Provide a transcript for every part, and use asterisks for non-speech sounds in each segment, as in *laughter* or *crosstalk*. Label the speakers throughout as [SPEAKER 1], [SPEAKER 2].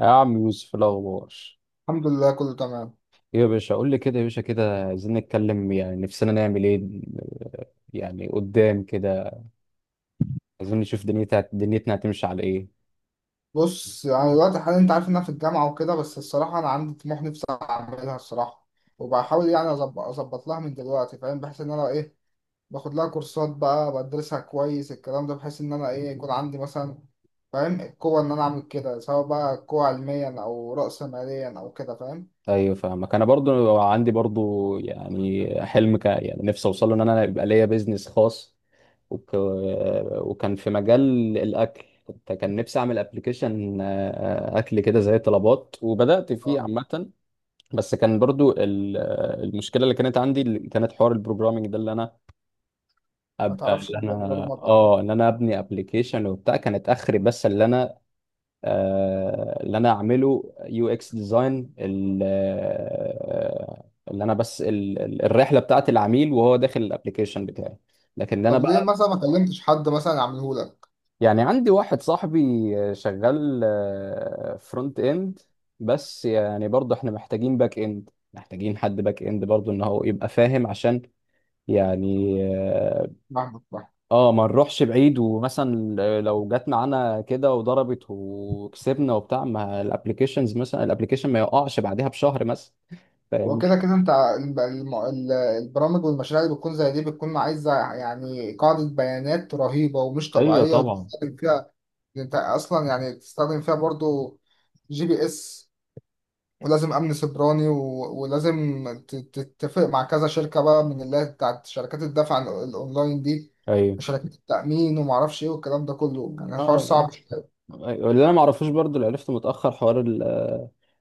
[SPEAKER 1] يا عم يوسف، إيه الأخبار؟
[SPEAKER 2] الحمد لله كله تمام.
[SPEAKER 1] إيه يا باشا؟ قول لي كده يا باشا، كده عايزين نتكلم، يعني نفسنا نعمل إيه يعني قدام كده؟ عايزين نشوف دنيتنا هتمشي على إيه؟
[SPEAKER 2] بص، انا دلوقتي حاليا انت عارف ان انا في الجامعه وكده، بس الصراحه انا عندي طموح نفسي اعملها الصراحه، وبحاول يعني اظبط لها من دلوقتي، فاهم؟ بحيث ان انا باخد لها كورسات بقى بدرسها كويس الكلام ده، بحيث ان انا يكون عندي مثلا فاهم القوه ان انا اعمل كده، سواء بقى قوه علميا او راس ماليا او كده، فاهم؟
[SPEAKER 1] أيوة، فاهمك. أنا برضو عندي برضو يعني حلم يعني نفسي أوصله، إن أنا يبقى ليا بيزنس خاص. وك... وكان في مجال الأكل. كان نفسي أعمل أبلكيشن أكل كده زي طلبات، وبدأت فيه
[SPEAKER 2] اه
[SPEAKER 1] عامة. بس كان برضو المشكلة اللي كانت عندي، اللي كانت حوار البروجرامينج ده، اللي أنا
[SPEAKER 2] ما
[SPEAKER 1] ابقى
[SPEAKER 2] تعرفش
[SPEAKER 1] اللي انا
[SPEAKER 2] البرمجه.
[SPEAKER 1] اه ان انا ابني ابلكيشن وبتاع، كانت اخري. بس اللي انا، اللي انا اعمله يو اكس ديزاين، اللي انا بس الرحله بتاعت العميل وهو داخل الابلكيشن بتاعي، لكن ده انا
[SPEAKER 2] طب ليه
[SPEAKER 1] بقى.
[SPEAKER 2] مثلا ما كلمتش حد مثلا يعمله لك؟
[SPEAKER 1] يعني عندي واحد صاحبي شغال فرونت اند، بس يعني برضه احنا محتاجين باك اند، محتاجين حد باك اند برضه ان هو يبقى فاهم، عشان يعني،
[SPEAKER 2] فاهمك.
[SPEAKER 1] اه، ما نروحش بعيد، ومثلا لو جت معانا كده وضربت وكسبنا وبتاع، ما الابلكيشنز مثلا الابلكيشن ما يقعش بعدها بشهر مثلا، فاهم؟
[SPEAKER 2] وكده كده انت البرامج والمشاريع اللي بتكون زي دي بتكون عايزه يعني قاعده بيانات رهيبه ومش
[SPEAKER 1] ايوه
[SPEAKER 2] طبيعيه،
[SPEAKER 1] طبعا.
[SPEAKER 2] وتستخدم فيها، انت اصلا يعني تستخدم فيها برضو جي بي اس، ولازم امن سيبراني ولازم تتفق مع كذا شركه بقى، من اللي هي بتاعت شركات الدفع الاونلاين دي،
[SPEAKER 1] ايوه.
[SPEAKER 2] وشركات التامين ومعرفش ايه والكلام ده كله، يعني الحوار
[SPEAKER 1] اه. أيوة.
[SPEAKER 2] صعب شوية.
[SPEAKER 1] أيوة. اللي انا ما اعرفوش برضو، اللي عرفته متاخر، حوار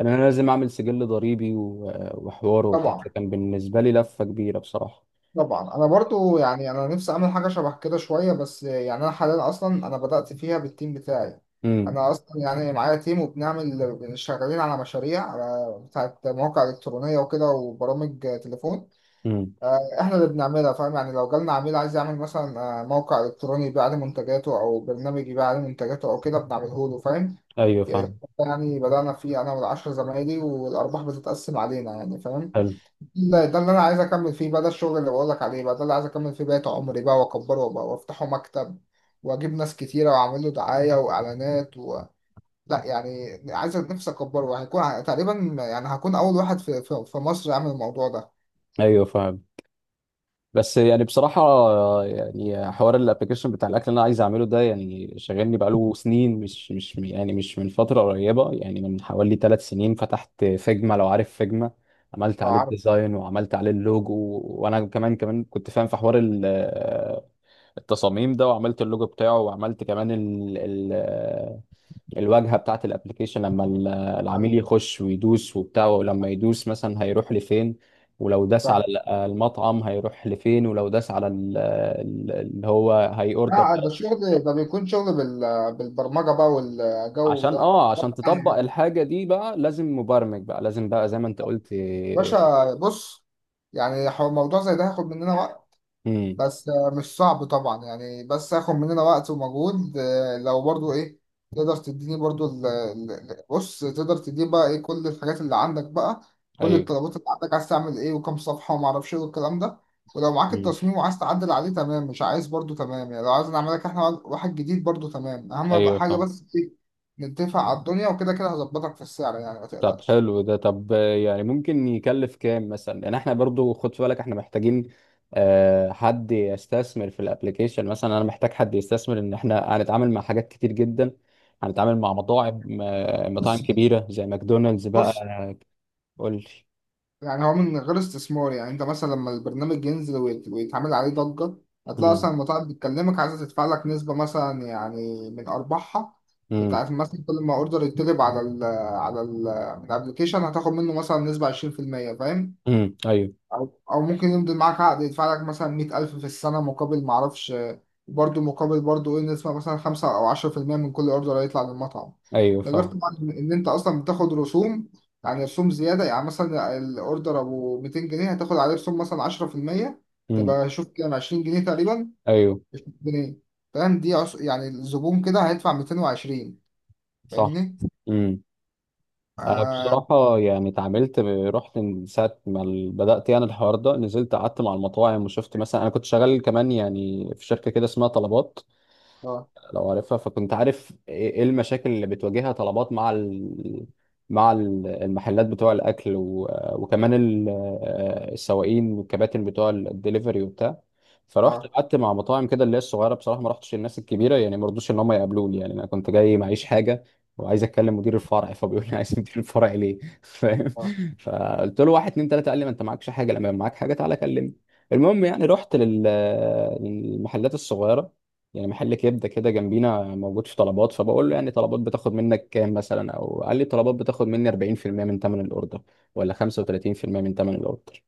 [SPEAKER 1] ان انا لازم اعمل سجل ضريبي، وحوار وبتاع،
[SPEAKER 2] طبعا
[SPEAKER 1] كان بالنسبه لي لفه كبيره بصراحه.
[SPEAKER 2] طبعا انا برضو يعني انا نفسي اعمل حاجه شبه كده شويه، بس يعني انا حاليا اصلا انا بدات فيها بالتيم بتاعي.
[SPEAKER 1] امم.
[SPEAKER 2] انا اصلا يعني معايا تيم، وبنعمل شغالين على مشاريع على بتاعت مواقع الكترونيه وكده وبرامج تليفون.
[SPEAKER 1] امم.
[SPEAKER 2] احنا اللي بنعملها فاهم، يعني لو جالنا عميل عايز يعمل مثلا موقع الكتروني يبيع عليه منتجاته، او برنامج يبيع عليه منتجاته او كده بنعمله له فاهم.
[SPEAKER 1] ايوه فاهم.
[SPEAKER 2] يعني بدانا فيه انا والعشر زمايلي، والارباح بتتقسم علينا يعني، فاهم؟
[SPEAKER 1] حلو.
[SPEAKER 2] لا، ده اللي انا عايز اكمل فيه بقى، ده الشغل اللي بقول لك عليه بقى، ده اللي عايز اكمل فيه بقية عمري بقى، واكبره بقى وافتحه مكتب، واجيب ناس كتيره واعمل له دعايه واعلانات لا يعني عايز نفسي اكبره، وهيكون تقريبا يعني هكون اول واحد في مصر يعمل الموضوع ده.
[SPEAKER 1] ايوه فاهم. بس يعني بصراحة، يعني حوار الابلكيشن بتاع الأكل اللي أنا عايز أعمله ده يعني شاغلني بقاله سنين، مش يعني مش من فترة قريبة، يعني من حوالي 3 سنين فتحت فيجما، لو عارف فيجما. عملت
[SPEAKER 2] لو
[SPEAKER 1] عليه
[SPEAKER 2] عارف.
[SPEAKER 1] الديزاين وعملت عليه اللوجو. وأنا كمان كنت فاهم في حوار التصاميم ده، وعملت اللوجو بتاعه، وعملت كمان الواجهه بتاعت الابلكيشن، لما العميل
[SPEAKER 2] ايوه
[SPEAKER 1] يخش ويدوس وبتاع، ولما يدوس مثلا هيروح لفين، ولو داس على
[SPEAKER 2] فاهم.
[SPEAKER 1] المطعم هيروح لفين، ولو داس على اللي هو هي اوردر
[SPEAKER 2] لا، ده
[SPEAKER 1] خلاص.
[SPEAKER 2] الشغل ده بيكون شغل بالبرمجه بقى والجو
[SPEAKER 1] عشان
[SPEAKER 2] ده.
[SPEAKER 1] عشان تطبق الحاجه دي بقى لازم مبرمج، بقى لازم، بقى زي ما انت قلت.
[SPEAKER 2] باشا، بص، يعني موضوع زي ده هياخد مننا وقت،
[SPEAKER 1] امم.
[SPEAKER 2] بس مش صعب طبعا، يعني بس هاخد مننا وقت ومجهود. لو برضو ايه، تقدر تديني برضو بص، تقدر تديني بقى ايه كل الحاجات اللي عندك بقى، كل
[SPEAKER 1] ايوه.
[SPEAKER 2] الطلبات اللي عندك، عايز تعمل ايه، وكم صفحة وما اعرفش ايه والكلام ده. ولو معاك
[SPEAKER 1] مم.
[SPEAKER 2] التصميم وعايز تعدل عليه، تمام؛ مش عايز برضو تمام، يعني لو عايز نعمل لك احنا واحد جديد، برضو تمام. اهم
[SPEAKER 1] ايوه
[SPEAKER 2] حاجة
[SPEAKER 1] فاهم.
[SPEAKER 2] بس إيه؟ نتفق على الدنيا، وكده كده هظبطك في السعر، يعني ما
[SPEAKER 1] طب
[SPEAKER 2] تقلقش.
[SPEAKER 1] حلو ده. طب، يعني ممكن يكلف كام مثلا؟ يعني احنا برضو خد في بالك احنا محتاجين حد يستثمر في الابليكيشن. مثلا انا محتاج حد يستثمر، ان احنا هنتعامل مع حاجات كتير جدا، هنتعامل مع مطاعم، مطاعم
[SPEAKER 2] بص
[SPEAKER 1] كبيرة زي ماكدونالدز بقى.
[SPEAKER 2] بص،
[SPEAKER 1] قول لي.
[SPEAKER 2] يعني هو من غير استثمار، يعني انت مثلا لما البرنامج ينزل ويتعمل عليه ضجة، هتلاقي
[SPEAKER 1] امم.
[SPEAKER 2] اصلا المطاعم بتكلمك عايزة تدفع لك نسبة مثلا، يعني من ارباحها،
[SPEAKER 1] امم.
[SPEAKER 2] بتاعت مثلا كل ما اوردر يطلب على ال على ال من الابلكيشن، هتاخد منه مثلا نسبة 20%، فاهم؟
[SPEAKER 1] امم. ايوه.
[SPEAKER 2] أو ممكن يمضي معاك عقد يدفع لك مثلا 100,000 في السنة، مقابل معرفش، برضه مقابل برضه إيه، نسمة مثلا خمسة أو 10% من كل أوردر هيطلع للمطعم.
[SPEAKER 1] ايوه
[SPEAKER 2] ده غير
[SPEAKER 1] فاهم.
[SPEAKER 2] طبعا إن أنت أصلا بتاخد رسوم، يعني رسوم زيادة، يعني مثلا الأوردر أبو 200 جنيه هتاخد عليه رسوم مثلا 10%،
[SPEAKER 1] امم.
[SPEAKER 2] تبقى شوف كام، 20 جنيه تقريبا.
[SPEAKER 1] ايوه.
[SPEAKER 2] 20 جنيه. فاهم؟ دي يعني الزبون كده هيدفع 220.
[SPEAKER 1] صح.
[SPEAKER 2] فاهمني؟
[SPEAKER 1] انا
[SPEAKER 2] آه.
[SPEAKER 1] بصراحه يعني اتعاملت رحت من ساعه ما بدات يعني الحوار ده، نزلت قعدت مع المطاعم وشفت. مثلا انا كنت شغال كمان يعني في شركه كده اسمها طلبات،
[SPEAKER 2] آه.
[SPEAKER 1] لو عارفها. فكنت عارف إيه المشاكل اللي بتواجهها طلبات مع المحلات بتوع الاكل، وكمان السواقين والكباتن بتوع الدليفري وبتاع. فرحت
[SPEAKER 2] آه.
[SPEAKER 1] قعدت مع مطاعم كده اللي هي الصغيره بصراحه، ما رحتش الناس الكبيره يعني، ما رضوش ان هم يقابلوني، يعني انا كنت جاي معيش حاجه وعايز اتكلم مدير الفرع، فبيقول لي *laughs* عايز مدير الفرع ليه؟ *laughs* فاهم؟
[SPEAKER 2] آه.
[SPEAKER 1] فقلت له، واحد، اتنين، تلاته، قال لي ما انت معكش حاجه، لما يبقى معاك حاجه تعالى كلمني. المهم، يعني رحت للمحلات الصغيره، يعني محل كبده كده جنبينا موجود في طلبات. فبقول له، يعني طلبات بتاخد منك كام مثلا؟ او قال لي طلبات بتاخد مني 40% من ثمن الاوردر، ولا 35% من ثمن الاوردر.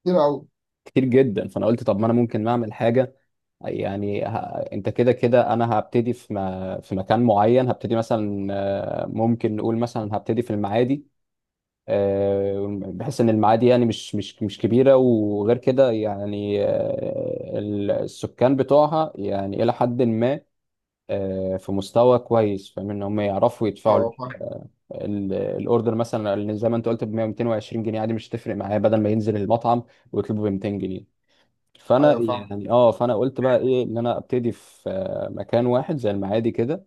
[SPEAKER 2] كتير أوي.
[SPEAKER 1] كتير جدا. فانا قلت، طب ما انا ممكن اعمل حاجه. يعني انت كده كده انا هبتدي في ما... في مكان معين. هبتدي مثلا، ممكن نقول مثلا هبتدي في المعادي، بحيث ان المعادي يعني مش كبيره، وغير كده يعني السكان بتوعها يعني الى حد ما، في مستوى كويس، فاهم ان هم يعرفوا
[SPEAKER 2] أه
[SPEAKER 1] يدفعوا
[SPEAKER 2] آه، فاهم.
[SPEAKER 1] الاوردر مثلا، اللي زي ما انت قلت ب 100 220 جنيه، عادي مش تفرق معايا، بدل ما ينزل المطعم ويطلبه ب 200 جنيه. فانا
[SPEAKER 2] أيوه فاهم.
[SPEAKER 1] يعني اه فانا قلت بقى ايه، ان انا ابتدي في مكان واحد زي المعادي كده.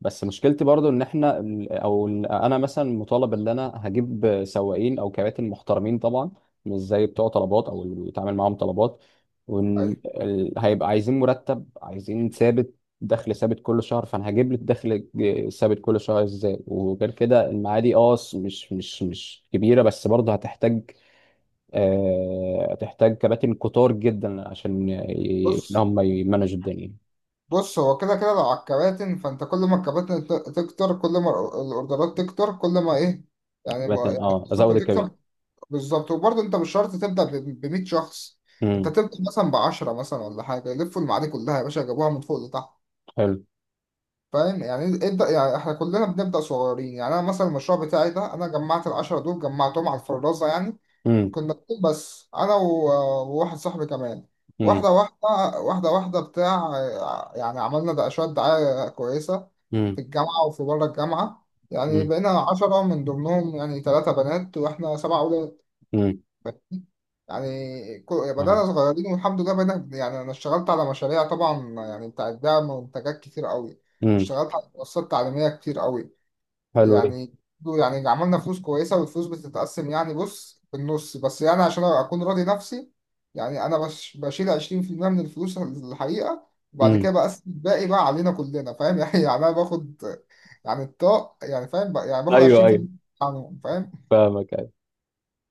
[SPEAKER 1] بس مشكلتي برضو ان احنا انا مثلا مطالب ان انا هجيب سواقين او كباتن محترمين طبعا، مش زي بتوع طلبات او اللي بيتعامل معاهم طلبات، وان
[SPEAKER 2] أيوه.
[SPEAKER 1] هيبقى عايزين مرتب، عايزين ثابت، دخل ثابت كل شهر. فانا هجيب لك دخل ثابت كل شهر ازاي؟ وغير كده المعادي، مش كبيره، بس برضه هتحتاج، هتحتاج كباتن كتار جدا عشان ان
[SPEAKER 2] بص
[SPEAKER 1] هم يمانجوا الدنيا.
[SPEAKER 2] بص، هو كده كده لو على الكباتن، فانت كل ما الكباتن تكتر، كل ما الاوردرات تكتر، كل ما ايه، يعني ما
[SPEAKER 1] كباتن،
[SPEAKER 2] يعني
[SPEAKER 1] ازود
[SPEAKER 2] الصفقه
[SPEAKER 1] الكباتن.
[SPEAKER 2] تكتر. بالظبط. وبرضه انت مش شرط تبدا ب 100 شخص، انت
[SPEAKER 1] امم.
[SPEAKER 2] تبدا مثلا ب 10 مثلا، ولا حاجه، يلفوا المعادي كلها يا باشا، جابوها من فوق لتحت.
[SPEAKER 1] حلو.
[SPEAKER 2] فاهم؟ يعني ابدا، يعني احنا كلنا بنبدا صغيرين، يعني انا مثلا المشروع بتاعي ده، انا جمعت ال 10 دول جمعتهم على الفرازه يعني.
[SPEAKER 1] مم.
[SPEAKER 2] كنا اتنين بس، انا وواحد صاحبي كمان.
[SPEAKER 1] امم.
[SPEAKER 2] واحده واحده، واحده واحده بتاع، يعني عملنا ده شويه دعايه كويسه في
[SPEAKER 1] امم.
[SPEAKER 2] الجامعه وفي بره الجامعه، يعني
[SPEAKER 1] امم.
[SPEAKER 2] بقينا عشرة، من ضمنهم يعني ثلاثة بنات واحنا سبعة أولاد.
[SPEAKER 1] امم.
[SPEAKER 2] يعني يعني
[SPEAKER 1] فاهم.
[SPEAKER 2] بدأنا صغيرين، والحمد لله بقينا يعني، أنا اشتغلت على مشاريع طبعا، يعني بتاعت دعم منتجات كتير قوي،
[SPEAKER 1] امم.
[SPEAKER 2] واشتغلت على منصات تعليمية كتير قوي
[SPEAKER 1] حلو ده.
[SPEAKER 2] يعني. يعني عملنا فلوس كويسة، والفلوس بتتقسم يعني، بص، بالنص، بس يعني عشان أكون راضي نفسي، يعني أنا بشيل 20% من الفلوس الحقيقة، وبعد كده
[SPEAKER 1] امم.
[SPEAKER 2] بقسم الباقي بقى علينا كلنا، فاهم؟ *laughs* يعني، يعني أنا باخد يعني الطاق يعني، فاهم يعني باخد
[SPEAKER 1] ايوه. ايوه
[SPEAKER 2] 20% عنهم، فاهم؟
[SPEAKER 1] فاهمك.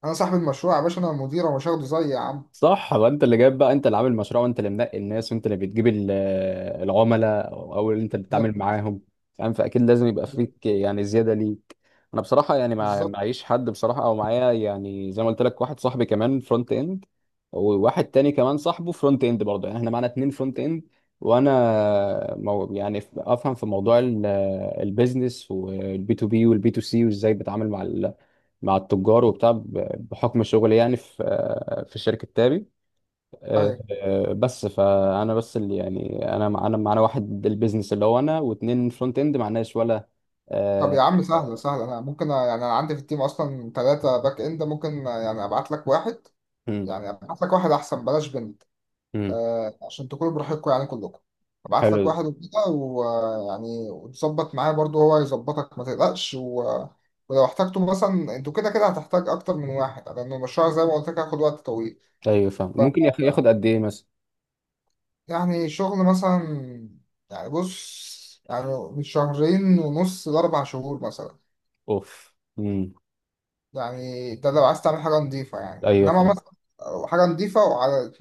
[SPEAKER 2] أنا صاحب المشروع يا باشا، أنا المدير، ومش هاخده زيي يا عم.
[SPEAKER 1] صح. وانت اللي جايب بقى، انت اللي عامل المشروع، وانت اللي منقي الناس، وانت اللي بتجيب العملاء، او اللي انت اللي بتتعامل
[SPEAKER 2] بالظبط.
[SPEAKER 1] معاهم، فاهم؟ فاكيد لازم يبقى فيك يعني زياده ليك. انا بصراحه يعني ما
[SPEAKER 2] بالظبط.
[SPEAKER 1] معيش حد بصراحه، او معايا يعني زي ما قلت لك واحد صاحبي كمان فرونت اند، وواحد تاني كمان صاحبه فرونت اند برضه، يعني احنا معانا اتنين فرونت اند. وانا مو يعني افهم في موضوع البيزنس، والبي تو بي والبي تو سي، وازاي بتعامل مع مع التجار وبتاع، بحكم شغلي يعني في شركه تابي،
[SPEAKER 2] أيوه.
[SPEAKER 1] بس فانا بس اللي يعني انا مع- انا معانا واحد البيزنس اللي هو انا، واتنين فرونت اند، معناش ولا،
[SPEAKER 2] طب
[SPEAKER 1] آه،
[SPEAKER 2] يا عم سهلة سهلة، أنا ممكن يعني أنا عندي في التيم أصلا ثلاثة باك إند، ممكن يعني أبعت لك واحد،
[SPEAKER 1] مم،
[SPEAKER 2] يعني أبعت لك واحد، أحسن بلاش بنت،
[SPEAKER 1] مم.
[SPEAKER 2] عشان تكونوا براحتكم يعني كلكم. ابعت
[SPEAKER 1] حلو
[SPEAKER 2] لك
[SPEAKER 1] ده.
[SPEAKER 2] واحد وكده، ويعني وتظبط معاه، برضو هو يظبطك ما تقلقش ولو احتجتوا مثلا، انتوا كده كده هتحتاج اكتر من واحد، لان المشروع زي ما قلت لك هياخد وقت طويل.
[SPEAKER 1] ايوه فاهم.
[SPEAKER 2] ف
[SPEAKER 1] ممكن ياخد قد ايه مثلا؟
[SPEAKER 2] يعني شغل مثلا، يعني بص يعني، من شهرين ونص لاربع شهور مثلا.
[SPEAKER 1] اوف. مم.
[SPEAKER 2] يعني ده لو عايز تعمل حاجه نظيفه، يعني
[SPEAKER 1] ايوه
[SPEAKER 2] انما
[SPEAKER 1] فاهم.
[SPEAKER 2] مثلا حاجه نظيفه وعلى،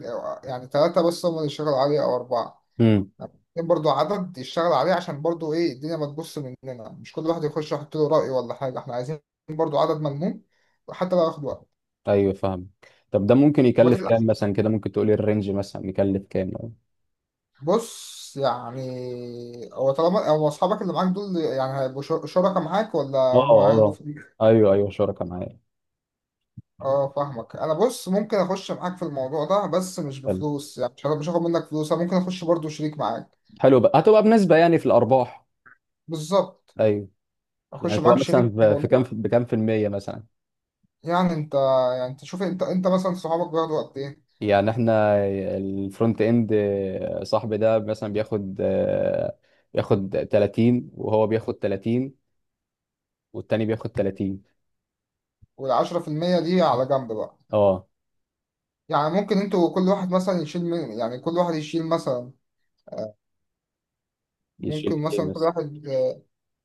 [SPEAKER 2] يعني ثلاثه بس هم اللي يشتغلوا عليها او اربعه،
[SPEAKER 1] مم.
[SPEAKER 2] برضه عدد يشتغل عليه، عشان برضه ايه الدنيا ما تبص مننا، مش كل واحد يخش يحط له رأي ولا حاجة، احنا عايزين برضه عدد ملموم وحتى لو ياخد وقت.
[SPEAKER 1] ايوه فاهم. طب ده ممكن
[SPEAKER 2] وما
[SPEAKER 1] يكلف كام
[SPEAKER 2] تقلقش،
[SPEAKER 1] مثلا كده؟ ممكن تقولي الرينج مثلا يكلف كام يعني؟
[SPEAKER 2] بص، يعني هو طالما هو اصحابك اللي معاك دول يعني هيبقوا شركاء معاك، ولا
[SPEAKER 1] اه.
[SPEAKER 2] هم هياخدوا
[SPEAKER 1] اه.
[SPEAKER 2] فلوس؟
[SPEAKER 1] ايوه. ايوه. شركه معايا.
[SPEAKER 2] اه فاهمك. انا بص، ممكن اخش معاك في الموضوع ده، بس مش
[SPEAKER 1] حلو.
[SPEAKER 2] بفلوس، يعني مش هاخد منك فلوس، انا ممكن اخش برضه شريك معاك.
[SPEAKER 1] حلو. بقى هتبقى بنسبه يعني في الارباح؟
[SPEAKER 2] بالظبط.
[SPEAKER 1] ايوه. يعني
[SPEAKER 2] اخش
[SPEAKER 1] تبقى
[SPEAKER 2] معاك
[SPEAKER 1] مثلا
[SPEAKER 2] شريك في
[SPEAKER 1] في في كام
[SPEAKER 2] الموضوع.
[SPEAKER 1] في بكام في المية مثلا؟
[SPEAKER 2] يعني انت يعني انت شوف، انت انت مثلا صحابك بياخدوا وقت ايه،
[SPEAKER 1] يعني احنا الفرونت اند، صاحبي ده مثلا بياخد، بياخد 30، وهو بياخد 30، والتاني بياخد 30.
[SPEAKER 2] والعشرة في المية دي على جنب بقى،
[SPEAKER 1] اه
[SPEAKER 2] يعني ممكن انتوا كل واحد مثلا يشيل من، يعني كل واحد يشيل مثلا، ممكن
[SPEAKER 1] يشيل ايه
[SPEAKER 2] مثلا كل
[SPEAKER 1] مثلا؟
[SPEAKER 2] واحد،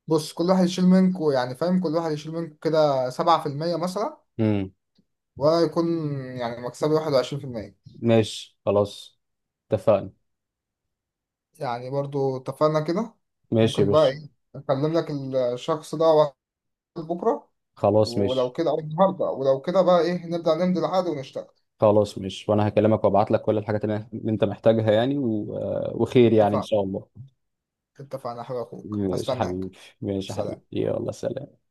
[SPEAKER 2] بص كل واحد يشيل منكوا يعني، فاهم، كل واحد يشيل منكوا كده 7% مثلا،
[SPEAKER 1] امم.
[SPEAKER 2] ولا يكون يعني مكسبي 21%.
[SPEAKER 1] ماشي خلاص. اتفقنا.
[SPEAKER 2] يعني برضو اتفقنا كده.
[SPEAKER 1] ماشي يا
[SPEAKER 2] ممكن بقى
[SPEAKER 1] باشا.
[SPEAKER 2] ايه اكلم لك الشخص ده واتساب بكرة،
[SPEAKER 1] خلاص.
[SPEAKER 2] ولو
[SPEAKER 1] ماشي.
[SPEAKER 2] كده او النهاردة، ولو كده بقى ايه نبدأ نمضي العقد ونشتغل.
[SPEAKER 1] خلاص ماشي، وانا هكلمك وابعت لك كل الحاجات اللي انت محتاجها يعني، و... آه، وخير يعني ان
[SPEAKER 2] اتفقنا.
[SPEAKER 1] شاء الله.
[SPEAKER 2] اتفقنا يا حبيب اخوك،
[SPEAKER 1] ماشي يا
[SPEAKER 2] هستناك.
[SPEAKER 1] حبيبي، ماشي يا حبيبي،
[SPEAKER 2] سلام.
[SPEAKER 1] يلا سلام.